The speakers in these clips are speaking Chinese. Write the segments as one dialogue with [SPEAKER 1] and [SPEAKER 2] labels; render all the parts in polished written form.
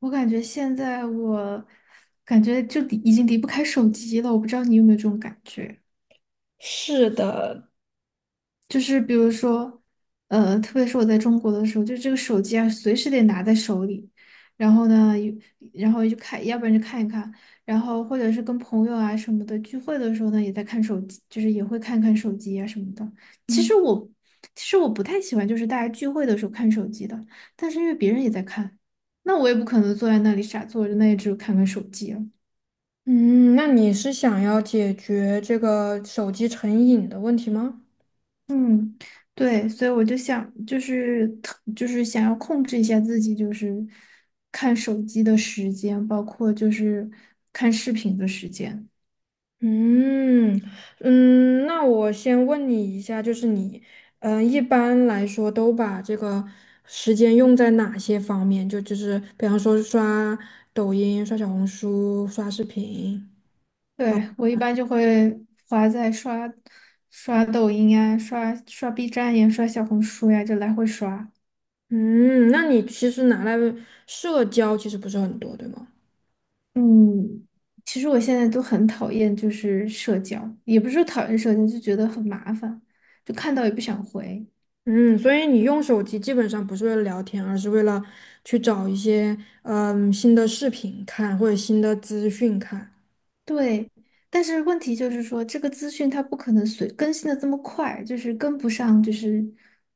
[SPEAKER 1] 我感觉现在我感觉已经离不开手机了，我不知道你有没有这种感觉，
[SPEAKER 2] 是的。
[SPEAKER 1] 就是比如说，特别是我在中国的时候，就这个手机啊，随时得拿在手里，然后呢，然后就看，要不然就看一看，然后或者是跟朋友啊什么的聚会的时候呢，也在看手机，就是也会看看手机啊什么的。其实
[SPEAKER 2] 嗯，
[SPEAKER 1] 我其实我不太喜欢就是大家聚会的时候看手机的，但是因为别人也在看，那我也不可能坐在那里傻坐着，那也只有看看手机了。
[SPEAKER 2] 嗯,那你是想要解决这个手机成瘾的问题吗？
[SPEAKER 1] 嗯，对，所以我就想，就是就是想要控制一下自己，就是看手机的时间，包括就是看视频的时间。
[SPEAKER 2] 嗯那我先问你一下，就是你，嗯，一般来说都把这个时间用在哪些方面？就是比方说刷抖音、刷小红书、刷视频。
[SPEAKER 1] 对，我一般就会花在刷抖音呀、刷 B 站呀、刷小红书呀，就来回刷。
[SPEAKER 2] 嗯，那你其实拿来社交其实不是很多，对吗？
[SPEAKER 1] 嗯，其实我现在都很讨厌就是社交，也不是说讨厌社交，就觉得很麻烦，就看到也不想回。
[SPEAKER 2] 嗯，所以你用手机基本上不是为了聊天，而是为了去找一些嗯新的视频看或者新的资讯看。
[SPEAKER 1] 对，但是问题就是说，这个资讯它不可能随更新的这么快，就是跟不上，就是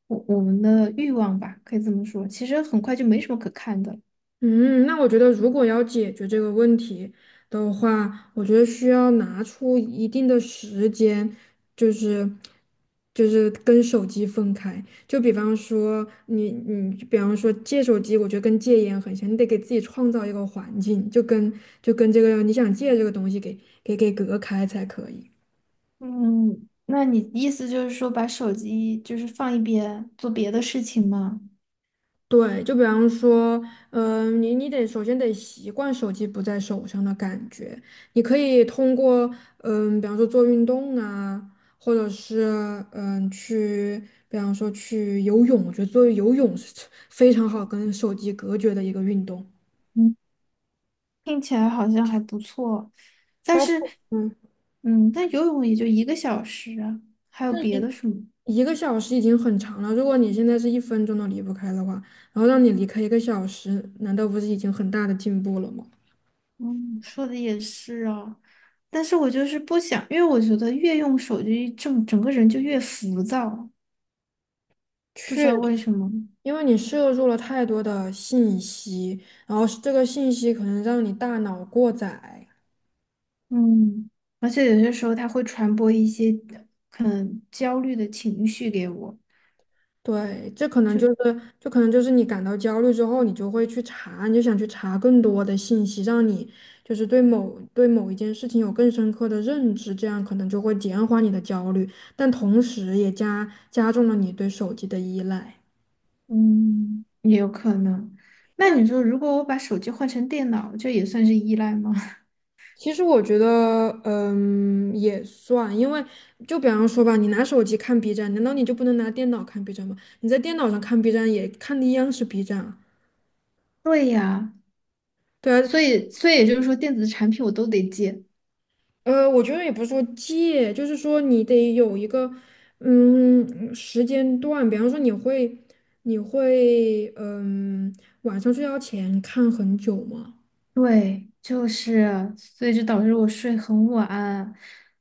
[SPEAKER 1] 我们的欲望吧，可以这么说。其实很快就没什么可看的了。
[SPEAKER 2] 嗯，那我觉得如果要解决这个问题的话，我觉得需要拿出一定的时间，就是就是跟手机分开。就比方说你，比方说戒手机，我觉得跟戒烟很像，你得给自己创造一个环境，就跟这个你想戒这个东西给隔开才可以。
[SPEAKER 1] 嗯，那你意思就是说，把手机就是放一边，做别的事情吗？
[SPEAKER 2] 对，就比方说，嗯、你得首先得习惯手机不在手上的感觉。你可以通过，嗯、比方说做运动啊，或者是嗯、去，比方说去游泳。我觉得做游泳是 非常好跟手机隔绝的一个运动。
[SPEAKER 1] 嗯，听起来好像还不错，但
[SPEAKER 2] 包
[SPEAKER 1] 是，
[SPEAKER 2] 括嗯，
[SPEAKER 1] 嗯，但游泳也就一个小时啊，还有别
[SPEAKER 2] 一
[SPEAKER 1] 的什么？
[SPEAKER 2] 一个小时已经很长了。如果你现在是1分钟都离不开的话，然后让你离开一个小时，难道不是已经很大的进步了吗？
[SPEAKER 1] 嗯，说的也是啊，但是我就是不想，因为我觉得越用手机，整个人就越浮躁，不知
[SPEAKER 2] 确。
[SPEAKER 1] 道为什么。
[SPEAKER 2] 因为你摄入了太多的信息，然后这个信息可能让你大脑过载，
[SPEAKER 1] 嗯，而且有些时候它会传播一些可能焦虑的情绪给我。
[SPEAKER 2] 对，这可能就是，就可能就是你感到焦虑之后，你就会去查，你就想去查更多的信息，让你就是对某一件事情有更深刻的认知，这样可能就会减缓你的焦虑，但同时也加重了你对手机的依赖。
[SPEAKER 1] 嗯，也有可能。那
[SPEAKER 2] 那。
[SPEAKER 1] 你说，如果我把手机换成电脑，这也算是依赖吗？
[SPEAKER 2] 其实我觉得，嗯，也算，因为就比方说吧，你拿手机看 B 站，难道你就不能拿电脑看 B 站吗？你在电脑上看 B 站也看的一样是 B 站啊，
[SPEAKER 1] 对呀，
[SPEAKER 2] 对啊，
[SPEAKER 1] 所以也就是说，电子产品我都得戒。
[SPEAKER 2] 我觉得也不是说戒，就是说你得有一个，嗯，时间段，比方说你会,嗯，晚上睡觉前看很久吗？
[SPEAKER 1] 对，就是，所以就导致我睡很晚，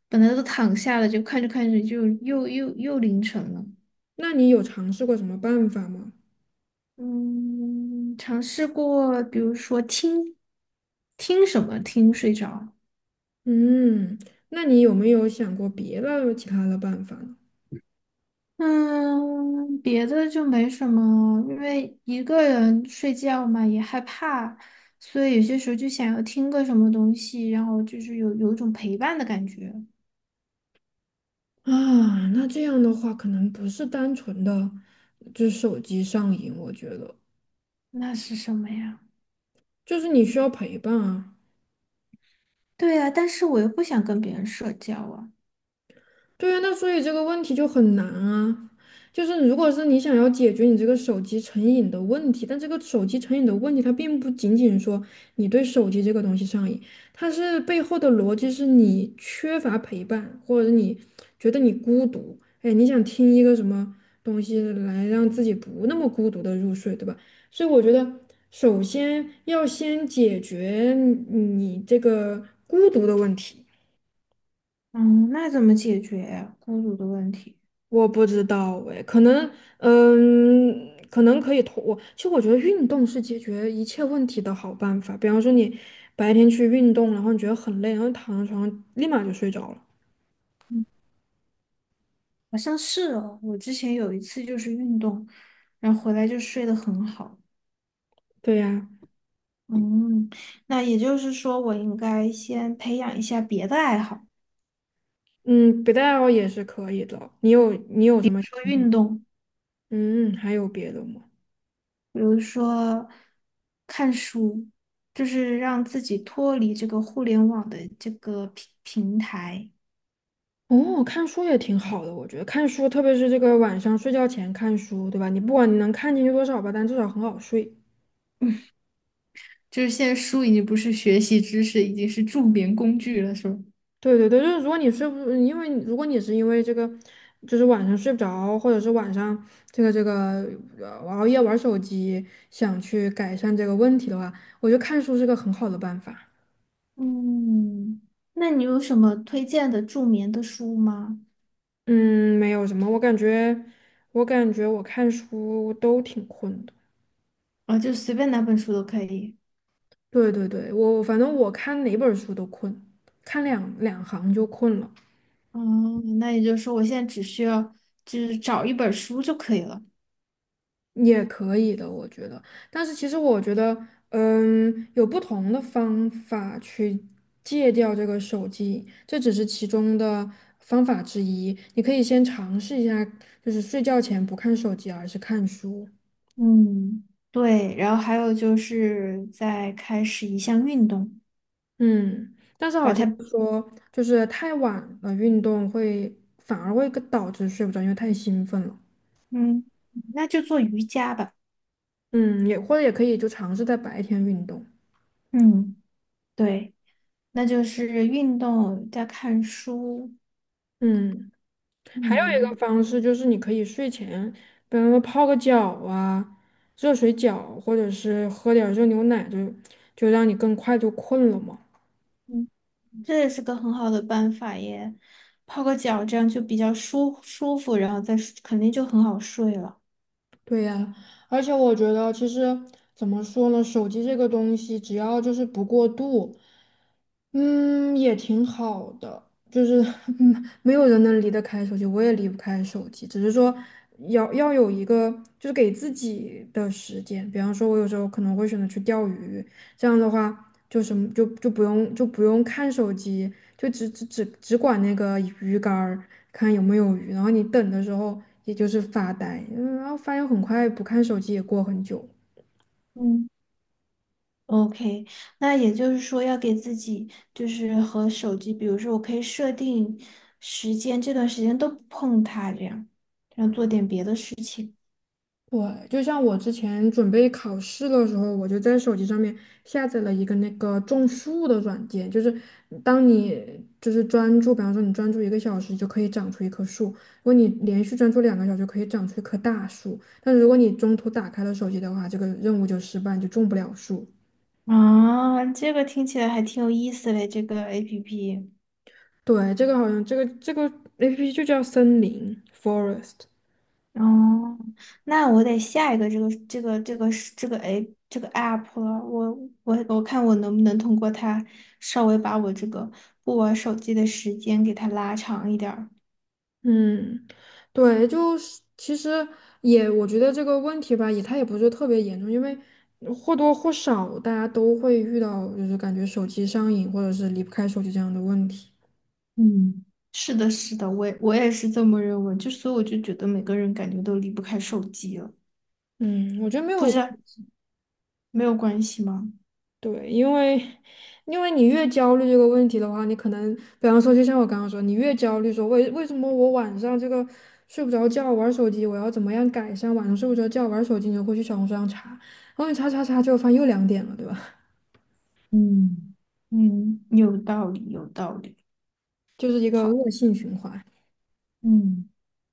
[SPEAKER 1] 本来都躺下了，就看着看着就又凌晨了。
[SPEAKER 2] 那你有尝试过什么办法吗？
[SPEAKER 1] 嗯，尝试过，比如说听什么听睡着。
[SPEAKER 2] 嗯，那你有没有想过别的其他的办法呢？
[SPEAKER 1] 嗯，别的就没什么，因为一个人睡觉嘛也害怕，所以有些时候就想要听个什么东西，然后就是有一种陪伴的感觉。
[SPEAKER 2] 啊，那这样的话，可能不是单纯的就是手机上瘾，我觉得
[SPEAKER 1] 那是什么呀？
[SPEAKER 2] 就是你需要陪伴啊。
[SPEAKER 1] 对呀，但是我又不想跟别人社交啊。
[SPEAKER 2] 对啊，那所以这个问题就很难啊。就是如果是你想要解决你这个手机成瘾的问题，但这个手机成瘾的问题，它并不仅仅说你对手机这个东西上瘾，它是背后的逻辑是你缺乏陪伴，或者是你觉得你孤独，哎，你想听一个什么东西来让自己不那么孤独的入睡，对吧？所以我觉得，首先要先解决你这个孤独的问题。
[SPEAKER 1] 嗯，那怎么解决呀？孤独的问题？
[SPEAKER 2] 我不知道哎，可能，嗯，可能可以通我。其实我觉得运动是解决一切问题的好办法。比方说你白天去运动，然后你觉得很累，然后躺在床上立马就睡着了。
[SPEAKER 1] 嗯，好像是哦。我之前有一次就是运动，然后回来就睡得很好。
[SPEAKER 2] 对呀，
[SPEAKER 1] 嗯，那也就是说，我应该先培养一下别的爱好，
[SPEAKER 2] 嗯，别的爱好也是可以的。你有什么？
[SPEAKER 1] 做运动，
[SPEAKER 2] 嗯，还有别的吗？
[SPEAKER 1] 比如说看书，就是让自己脱离这个互联网的这个平台。
[SPEAKER 2] 哦，看书也挺好的，我觉得看书，特别是这个晚上睡觉前看书，对吧？你不管你能看进去多少吧，但至少很好睡。
[SPEAKER 1] 就是现在书已经不是学习知识，已经是助眠工具了，是吧？
[SPEAKER 2] 对对对，就是如果你睡不，因为如果你是因为这个，就是晚上睡不着，或者是晚上这个呃熬夜玩手机，想去改善这个问题的话，我觉得看书是个很好的办法。
[SPEAKER 1] 嗯，那你有什么推荐的助眠的书吗？
[SPEAKER 2] 嗯，没有什么，我感觉我看书都挺困的。
[SPEAKER 1] 啊，就随便哪本书都可以。
[SPEAKER 2] 对对对，我反正我看哪本书都困，看两行就困了。
[SPEAKER 1] 嗯，那也就是说，我现在只需要就是找一本书就可以了。
[SPEAKER 2] 也可以的，我觉得。但是其实我觉得，嗯，有不同的方法去戒掉这个手机，这只是其中的方法之一。你可以先尝试一下，就是睡觉前不看手机，而是看书。
[SPEAKER 1] 嗯，对。然后还有就是再开始一项运动，
[SPEAKER 2] 嗯，但是好
[SPEAKER 1] 把
[SPEAKER 2] 像
[SPEAKER 1] 它，
[SPEAKER 2] 说，就是太晚了运动会反而会更导致睡不着，因为太兴奋了。
[SPEAKER 1] 嗯，那就做瑜伽吧。
[SPEAKER 2] 嗯，也或者也可以就尝试在白天运动。
[SPEAKER 1] 嗯，对，那就是运动加看书。
[SPEAKER 2] 嗯。还有一个
[SPEAKER 1] 嗯。
[SPEAKER 2] 方式就是，你可以睡前，比方说泡个脚啊，热水脚，或者是喝点儿热牛奶，就让你更快就困了嘛。
[SPEAKER 1] 嗯，这也是个很好的办法耶，泡个脚，这样就比较舒舒服，然后再睡肯定就很好睡了。
[SPEAKER 2] 对呀，而且我觉得其实怎么说呢，手机这个东西，只要就是不过度，嗯，也挺好的。就是 嗯，没有人能离得开手机，我也离不开手机，只是说要有一个就是给自己的时间。比方说，我有时候可能会选择去钓鱼，这样的话。就什么就不用看手机，就只管那个鱼竿儿看有没有鱼，然后你等的时候也就是发呆，嗯然后发现很快不看手机也过很久。
[SPEAKER 1] 嗯，OK，那也就是说要给自己就是和手机，比如说我可以设定时间，这段时间都不碰它，这样，然后做点别的事。
[SPEAKER 2] 对，就像我之前准备考试的时候，我就在手机上面下载了一个那个种树的软件，就是当你就是专注，比方说你专注一个小时，就可以长出一棵树；如果你连续专注2个小时，就可以长出一棵大树。但如果你中途打开了手机的话，这个任务就失败，你就种不了树。
[SPEAKER 1] 啊，这个听起来还挺有意思嘞，这个 APP。
[SPEAKER 2] 对，这个好像这个 APP 就叫森林 （(Forest)。
[SPEAKER 1] 哦，那我得下一个这个 app 了，我看我能不能通过它稍微把我这个不玩手机的时间给它拉长一点儿。
[SPEAKER 2] 嗯，对，就是其实也，我觉得这个问题吧，也它也不是特别严重，因为或多或少大家都会遇到，就是感觉手机上瘾或者是离不开手机这样的问题。
[SPEAKER 1] 嗯，是的，是的，我也是这么认为，就所以我就觉得每个人感觉都离不开手机了，
[SPEAKER 2] 嗯，我觉得没
[SPEAKER 1] 不
[SPEAKER 2] 有，
[SPEAKER 1] 是没有关系吗？
[SPEAKER 2] 对，因为你越焦虑这个问题的话，你可能，比方说，就像我刚刚说，你越焦虑说为什么我晚上这个睡不着觉玩手机，我要怎么样改善晚上睡不着觉玩手机，你就会去小红书上查，然后你查，结果发现又2点了，对吧？
[SPEAKER 1] 嗯嗯，有道理，有道理。
[SPEAKER 2] 就是一个
[SPEAKER 1] 好。
[SPEAKER 2] 恶性循环。
[SPEAKER 1] 嗯。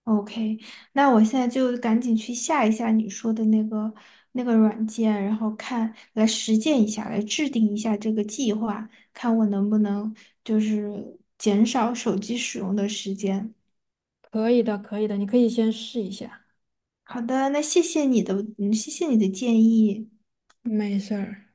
[SPEAKER 1] OK，那我现在就赶紧去下一下你说的那个那个软件，然后看，来实践一下，来制定一下这个计划，看我能不能就是减少手机使用的时间。
[SPEAKER 2] 可以的，可以的，你可以先试一下，
[SPEAKER 1] 好的，那谢谢你的，嗯，谢谢你的建议。
[SPEAKER 2] 没事儿。